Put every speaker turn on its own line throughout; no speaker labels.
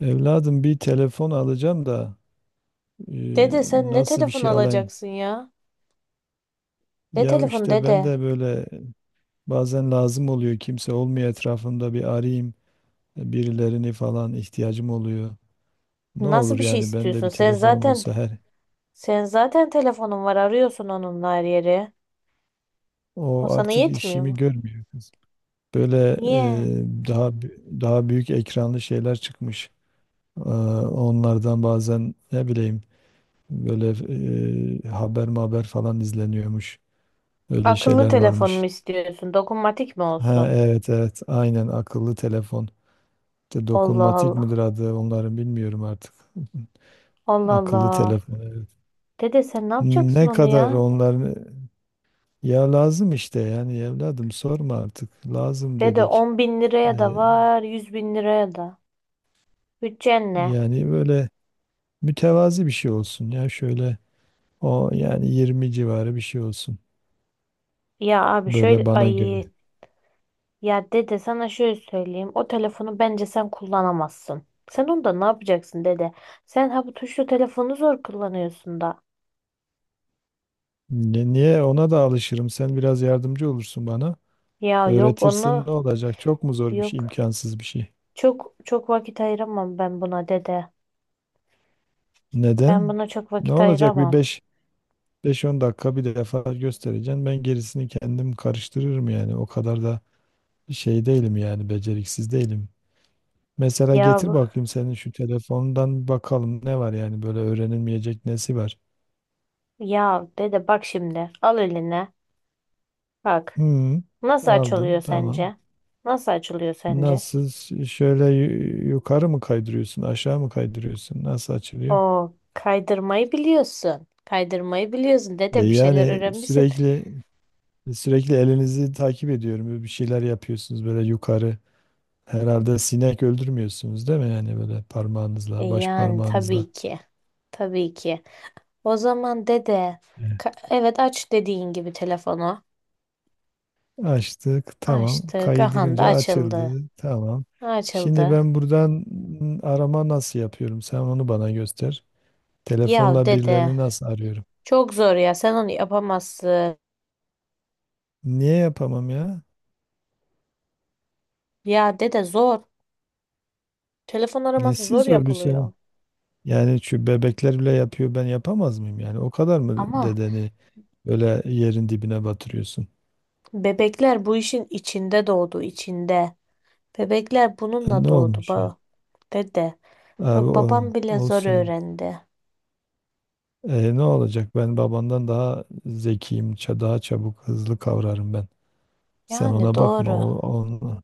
Evladım bir telefon alacağım da, e,
Dede sen ne
nasıl bir
telefon
şey alayım?
alacaksın ya? Ne
Ya
telefon
işte ben
dede?
de böyle bazen lazım oluyor, kimse olmuyor etrafımda, bir arayayım birilerini falan ihtiyacım oluyor. Ne
Nasıl
olur
bir şey
yani ben de
istiyorsun?
bir
Sen
telefonum
zaten
olsa her,
telefonun var arıyorsun onunla her yere. O
o
sana
artık
yetmiyor mu?
işimi görmüyor kız. Böyle
Niye?
daha daha büyük ekranlı şeyler çıkmış. Ee, Onlardan bazen ne bileyim böyle, haber maber falan izleniyormuş. Öyle
Akıllı
şeyler
telefon mu
varmış.
istiyorsun? Dokunmatik mi
Ha,
olsun?
evet, evet, aynen, akıllı telefon. İşte
Allah
dokunmatik
Allah.
midir adı onların, bilmiyorum artık.
Allah
Akıllı
Allah.
telefon, evet.
Dede sen ne yapacaksın
Ne
onu
kadar
ya?
onların, ya lazım işte yani evladım, sorma artık, lazım
Dede,
dedik.
10 bin liraya da
Ee,
var, 100 bin liraya da. Bütçen ne?
Yani böyle mütevazi bir şey olsun ya, şöyle, o yani 20 civarı bir şey olsun,
Ya abi şöyle
böyle bana
ay.
göre.
Ya dede sana şöyle söyleyeyim. O telefonu bence sen kullanamazsın. Sen onda ne yapacaksın dede? Sen ha bu tuşlu telefonu zor kullanıyorsun da.
Niye, ona da alışırım, sen biraz yardımcı olursun bana,
Ya yok
öğretirsin, ne
onu
olacak, çok mu zor bir şey,
yok.
imkansız bir şey.
Çok çok vakit ayıramam ben buna dede. Ben
Neden?
buna çok
Ne
vakit
olacak, bir
ayıramam.
beş, beş on dakika bir defa göstereceğim. Ben gerisini kendim karıştırırım yani. O kadar da şey değilim yani, beceriksiz değilim. Mesela
Ya
getir
bu-
bakayım, senin şu telefondan bir bakalım ne var, yani böyle öğrenilmeyecek nesi var.
Ya dede bak şimdi. Al eline. Bak.
Hmm,
Nasıl
aldım,
açılıyor
tamam.
sence? Nasıl açılıyor sence?
Nasıl, şöyle yukarı mı kaydırıyorsun, aşağı mı kaydırıyorsun, nasıl açılıyor?
O kaydırmayı biliyorsun. Kaydırmayı biliyorsun
E
dede, bir şeyler
yani
öğrenmişsin.
sürekli, sürekli elinizi takip ediyorum. Böyle bir şeyler yapıyorsunuz, böyle yukarı. Herhalde sinek öldürmüyorsunuz değil mi? Yani böyle
E
parmağınızla, baş
yani
parmağınızla.
tabii ki. Tabii ki. O zaman dede,
Evet.
evet, aç dediğin gibi telefonu.
Açtık, tamam.
Açtık. Aha da
Kaydırınca
açıldı.
açıldı, tamam. Şimdi
Açıldı.
ben buradan arama nasıl yapıyorum? Sen onu bana göster.
Ya
Telefonla
dede,
birilerini nasıl arıyorum?
çok zor ya. Sen onu yapamazsın.
Niye yapamam ya?
Ya dede zor. Telefon araması
Nesi
zor
zor bir şey?
yapılıyor.
Yani şu bebekler bile yapıyor, ben yapamaz mıyım? Yani o kadar mı
Ama
dedeni böyle yerin dibine batırıyorsun?
bebekler bu işin içinde doğdu, içinde. Bebekler
E,
bununla
ne
doğdu
olmuş yani?
dede.
Abi
Bak
o,
babam bile zor
olsun.
öğrendi.
E, ne olacak? Ben babandan daha zekiyim, daha çabuk, hızlı kavrarım ben. Sen
Yani
ona bakma,
doğru.
o onun,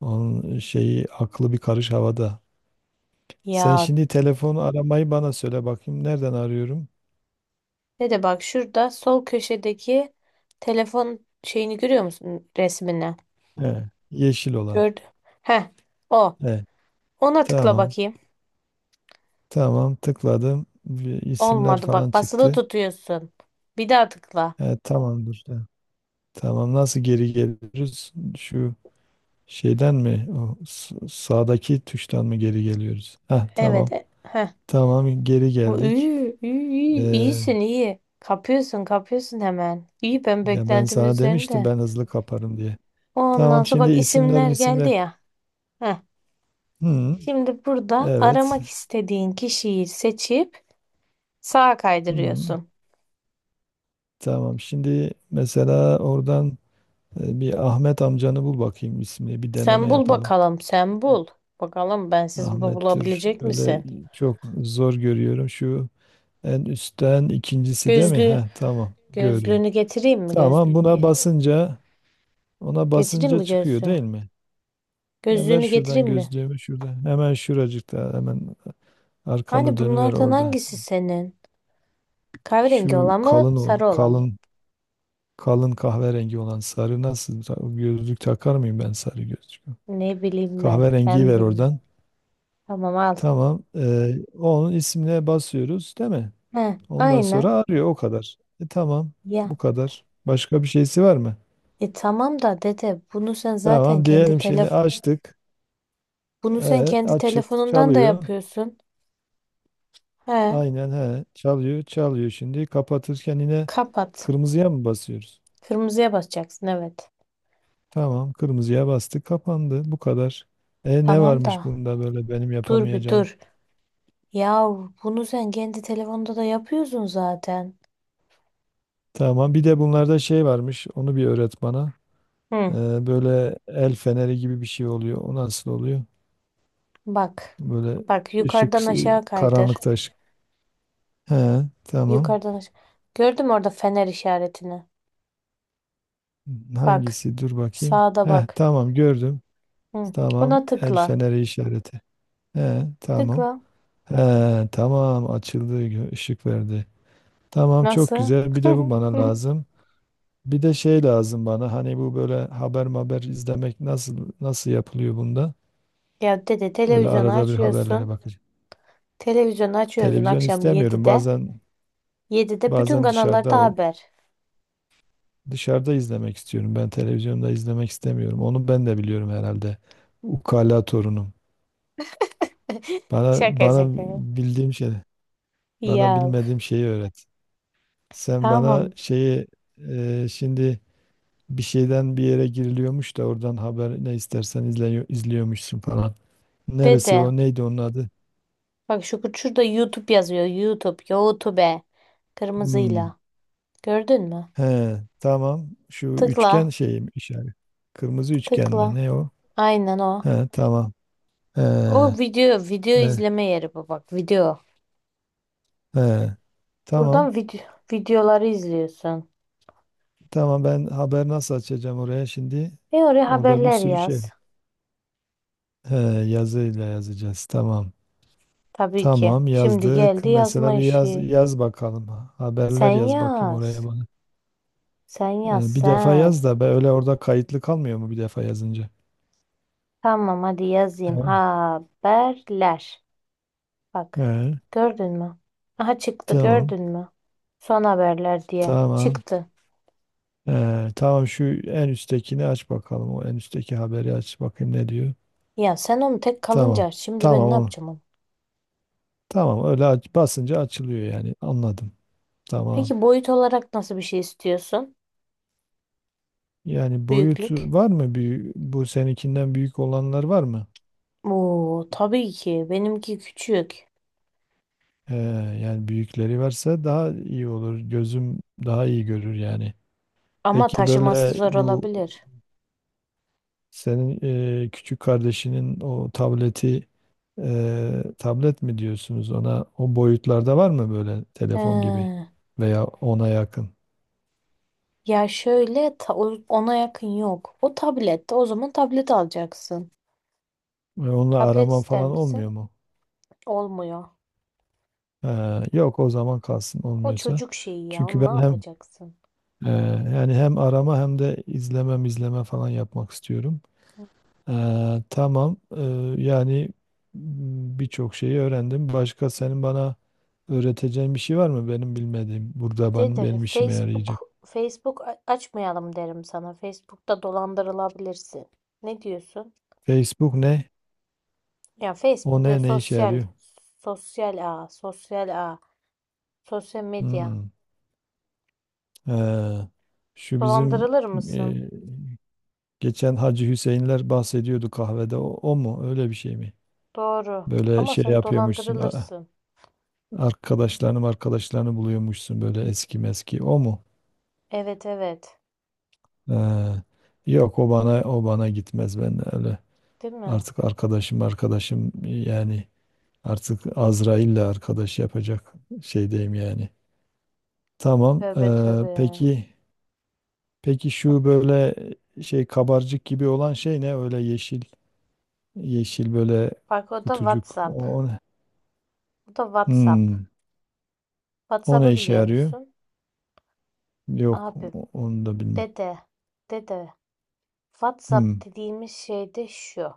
onun şeyi aklı bir karış havada. Sen
Ya,
şimdi telefonu aramayı bana söyle bakayım. Nereden arıyorum?
ne de bak şurada sol köşedeki telefon şeyini görüyor musun, resmini?
He, yeşil olan.
Gördüm. Heh, o.
He,
Ona tıkla
tamam,
bakayım.
tamam. Tıkladım, bir isimler
Olmadı,
falan
bak basılı
çıktı.
tutuyorsun. Bir daha tıkla.
He, tamamdır. He, tamam, nasıl geri geliyoruz? Şu şeyden mi? O sağdaki tuştan mı geri geliyoruz? Heh, tamam,
Evet. Heh.
tamam. Geri
O,
geldik.
iyi, iyi, iyi.
Ee,
İyisin iyi. Kapıyorsun kapıyorsun hemen. İyi, ben
Ya ben
beklentimin
sana demiştim,
üzerinde.
ben hızlı kaparım diye.
Ondan
Tamam
sonra
şimdi,
bak,
isimler
isimler geldi
misimler.
ya. Heh.
Hı,
Şimdi burada
evet.
aramak istediğin kişiyi seçip sağa
Hı,
kaydırıyorsun.
tamam, şimdi mesela oradan bir Ahmet amcanı bul bakayım, ismini bir deneme
Sen bul
yapalım.
bakalım, sen bul. Bakalım bensiz
Ahmet'tir.
bulabilecek
Öyle
misin?
çok zor görüyorum. Şu en üstten ikincisi değil mi?
Gözlüğü,
Heh, tamam, gördüm.
gözlüğünü getireyim mi?
Tamam,
Gözlüğünü
buna basınca ona
getireyim
basınca
mi
çıkıyor
gözlüğü?
değil mi? E, ver
Gözlüğünü
şuradan
getireyim mi?
gözlüğümü, şurada. Hemen şuracıkta, hemen arkanı
Hani
dönüver
bunlardan
orada.
hangisi senin? Kahverengi
Şu
olan mı, sarı olan mı?
kalın kalın kahverengi olan, sarı nasıl? Gözlük takar mıyım ben, sarı gözlük?
Ne bileyim ben,
Kahverengiyi
ben
ver
bilmem.
oradan.
Tamam, al.
Tamam. Onun ismine basıyoruz, değil mi?
He,
Ondan
aynen.
sonra arıyor, o kadar. Tamam. Bu
Ya.
kadar. Başka bir şeysi var mı?
E tamam da dede, bunu sen zaten
Tamam
kendi
diyelim, şimdi
telefon,
açtık.
bunu sen kendi
Açık
telefonundan da
çalıyor.
yapıyorsun. He,
Aynen, he, çalıyor çalıyor, şimdi kapatırken yine
kapat.
kırmızıya mı basıyoruz?
Kırmızıya basacaksın, evet.
Tamam, kırmızıya bastı, kapandı. Bu kadar. Ne
Tamam
varmış
da.
bunda böyle benim
Dur bir
yapamayacağım?
dur. Ya, bunu sen kendi telefonda da yapıyorsun zaten.
Tamam, bir de bunlarda şey varmış. Onu bir öğret bana.
Hı,
Böyle el feneri gibi bir şey oluyor. O nasıl oluyor?
bak.
Böyle
Bak yukarıdan
ışık,
aşağı kaydır.
karanlıkta ışık. He, tamam.
Yukarıdan aşağı. Gördün mü orada fener işaretini? Bak.
Hangisi? Dur bakayım.
Sağda
He,
bak.
tamam, gördüm.
Hı.
Tamam,
Ona
el
tıkla.
feneri işareti. He, tamam.
Tıkla.
He, tamam, açıldı, ışık verdi. Tamam, çok
Nasıl?
güzel. Bir de bu bana lazım. Bir de şey lazım bana, hani bu böyle haber haber izlemek nasıl nasıl yapılıyor bunda?
Ya dede,
Böyle
televizyonu
arada bir haberlere
açıyorsun.
bakacağım.
Televizyonu açıyorsun
Televizyon
akşam
istemiyorum.
7'de.
Bazen
7'de bütün
bazen
kanallarda haber.
dışarıda izlemek istiyorum. Ben televizyonda izlemek istemiyorum. Onu ben de biliyorum herhalde. Ukala torunum. Bana
Şaka
bana
şaka.
bildiğim şey, bana
Ya üf.
bilmediğim şeyi öğret. Sen bana
Tamam
şeyi, şimdi bir şeyden bir yere giriliyormuş da oradan haber ne istersen izliyormuşsun falan. Neresi
dede.
o? Neydi onun adı?
Bak şu şurada YouTube yazıyor. YouTube, YouTube.
Hmm.
Kırmızıyla. Gördün mü?
He, tamam. Şu üçgen
Tıkla,
şeyi mi işaret? Kırmızı üçgen mi?
tıkla.
Ne o?
Aynen o.
He, tamam. He,
O
he,
video, video izleme yeri bu, bak video.
he.
Buradan
Tamam.
video, videoları izliyorsun.
Tamam ben haber nasıl açacağım oraya şimdi?
E oraya
Orada bir
haberler
sürü şey.
yaz.
He, yazıyla yazacağız. Tamam.
Tabii ki.
Tamam
Şimdi
yazdık.
geldi yazma
Mesela bir yaz
işi.
yaz bakalım. Haberler
Sen
yaz bakayım oraya
yaz.
bana.
Sen yaz
Bir defa
sen.
yaz da be, öyle orada kayıtlı kalmıyor mu bir defa yazınca?
Tamam, hadi yazayım
He,
haberler. Bak.
he.
Gördün mü? Aha çıktı,
Tamam.
gördün mü? Son haberler diye.
Tamam.
Çıktı.
Tamam, şu en üsttekini aç bakalım. O en üstteki haberi aç bakayım ne diyor.
Ya sen onu tek
Tamam.
kalınca şimdi ben
Tamam
ne
onu.
yapacağım onu?
Tamam öyle aç, basınca açılıyor yani. Anladım. Tamam.
Peki boyut olarak nasıl bir şey istiyorsun?
Yani
Büyüklük.
boyutu var mı? Büyük, bu seninkinden büyük olanlar var mı?
Oo tabii ki. Benimki küçük.
Ee, Yani büyükleri varsa daha iyi olur. Gözüm daha iyi görür yani.
Ama
Peki
taşıması
böyle
zor
bu,
olabilir.
senin küçük kardeşinin o tableti, tablet mi diyorsunuz ona, o boyutlarda var mı böyle telefon gibi
Ee,
veya ona yakın?
ya şöyle ona yakın yok. O tablette o zaman tablet alacaksın.
Ve onunla
Tablet
arama
ister
falan olmuyor
misin?
mu?
Olmuyor.
Ha, yok, o zaman kalsın
O
olmuyorsa.
çocuk şeyi ya.
Çünkü
Onu ne
ben hem
yapacaksın?
e, yani hem arama hem de izleme falan yapmak istiyorum. Tamam. Yani birçok şeyi öğrendim. Başka senin bana öğreteceğin bir şey var mı benim bilmediğim? Burada
Dede,
benim işime yarayacak.
Facebook açmayalım derim sana. Facebook'ta dolandırılabilirsin. Ne diyorsun?
Facebook ne?
Ya,
O
Facebook böyle
ne? Ne işe
sosyal
yarıyor?
sosyal ağ, sosyal ağ, sosyal medya.
Hmm. Ee, Şu bizim
Dolandırılır
e,
mısın?
geçen Hacı Hüseyinler bahsediyordu kahvede. O mu? Öyle bir şey mi?
Doğru.
Böyle
Ama
şey
sen
yapıyormuşsun.
dolandırılırsın.
Arkadaşlarını buluyormuşsun, böyle eski meski. O mu?
Evet evet.
Ee, Yok, o bana gitmez ben öyle.
Değil mi?
Artık arkadaşım yani, artık Azrail'le arkadaş yapacak şeydeyim yani. Tamam.
Tövbe tövbe.
Peki peki şu böyle şey kabarcık gibi olan şey ne? Öyle yeşil yeşil böyle
Bak, o da
kutucuk. O,
WhatsApp.
o ne?
Bu da WhatsApp.
Hmm, O ne
WhatsApp'ı
işe
biliyor
yarıyor?
musun?
Yok,
Abi,
onu da bilmiyorum.
dede dede WhatsApp
Hmm,
dediğimiz şey de şu.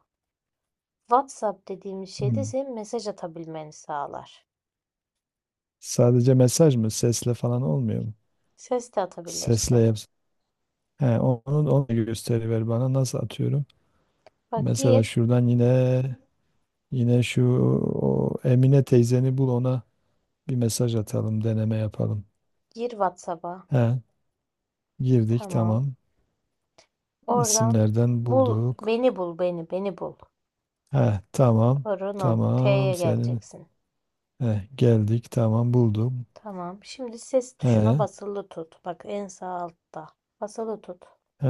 WhatsApp dediğimiz şey de
hmm.
senin mesaj atabilmeni sağlar.
Sadece mesaj mı? Sesle falan olmuyor mu?
Ses de
Sesle
atabilirsin.
yap. He, onu gösteriver bana. Nasıl atıyorum?
Bak
Mesela
gir,
şuradan yine şu o Emine teyzeni bul, ona bir mesaj atalım, deneme yapalım.
gir WhatsApp'a.
He, girdik,
Tamam.
tamam.
Oradan
İsimlerden
bul,
bulduk.
beni bul, beni bul.
He, tamam.
Torunum,
Tamam
T'ye
senin.
geleceksin.
He, geldik, tamam, buldum.
Tamam. Şimdi ses tuşuna
He,
basılı tut. Bak, en sağ altta. Basılı tut.
he,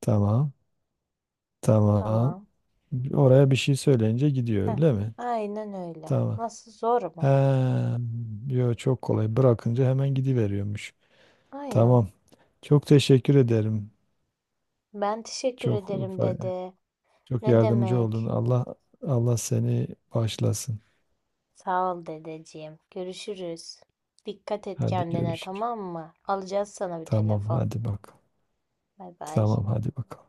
tamam. Tamam.
Tamam.
Oraya bir şey söyleyince gidiyor
Heh.
öyle mi?
Aynen öyle.
Tamam.
Nasıl, zor
He,
mu?
yo çok kolay. Bırakınca hemen gidiveriyormuş.
Aynen.
Tamam. Çok teşekkür ederim.
Ben teşekkür
Çok
ederim dedi.
Çok
Ne
yardımcı oldun.
demek?
Allah seni bağışlasın.
Sağ ol dedeciğim. Görüşürüz. Dikkat et
Hadi
kendine,
görüşürüz.
tamam mı? Alacağız sana bir
Tamam,
telefon.
hadi bak.
Bay bay.
Tamam, hadi bakalım.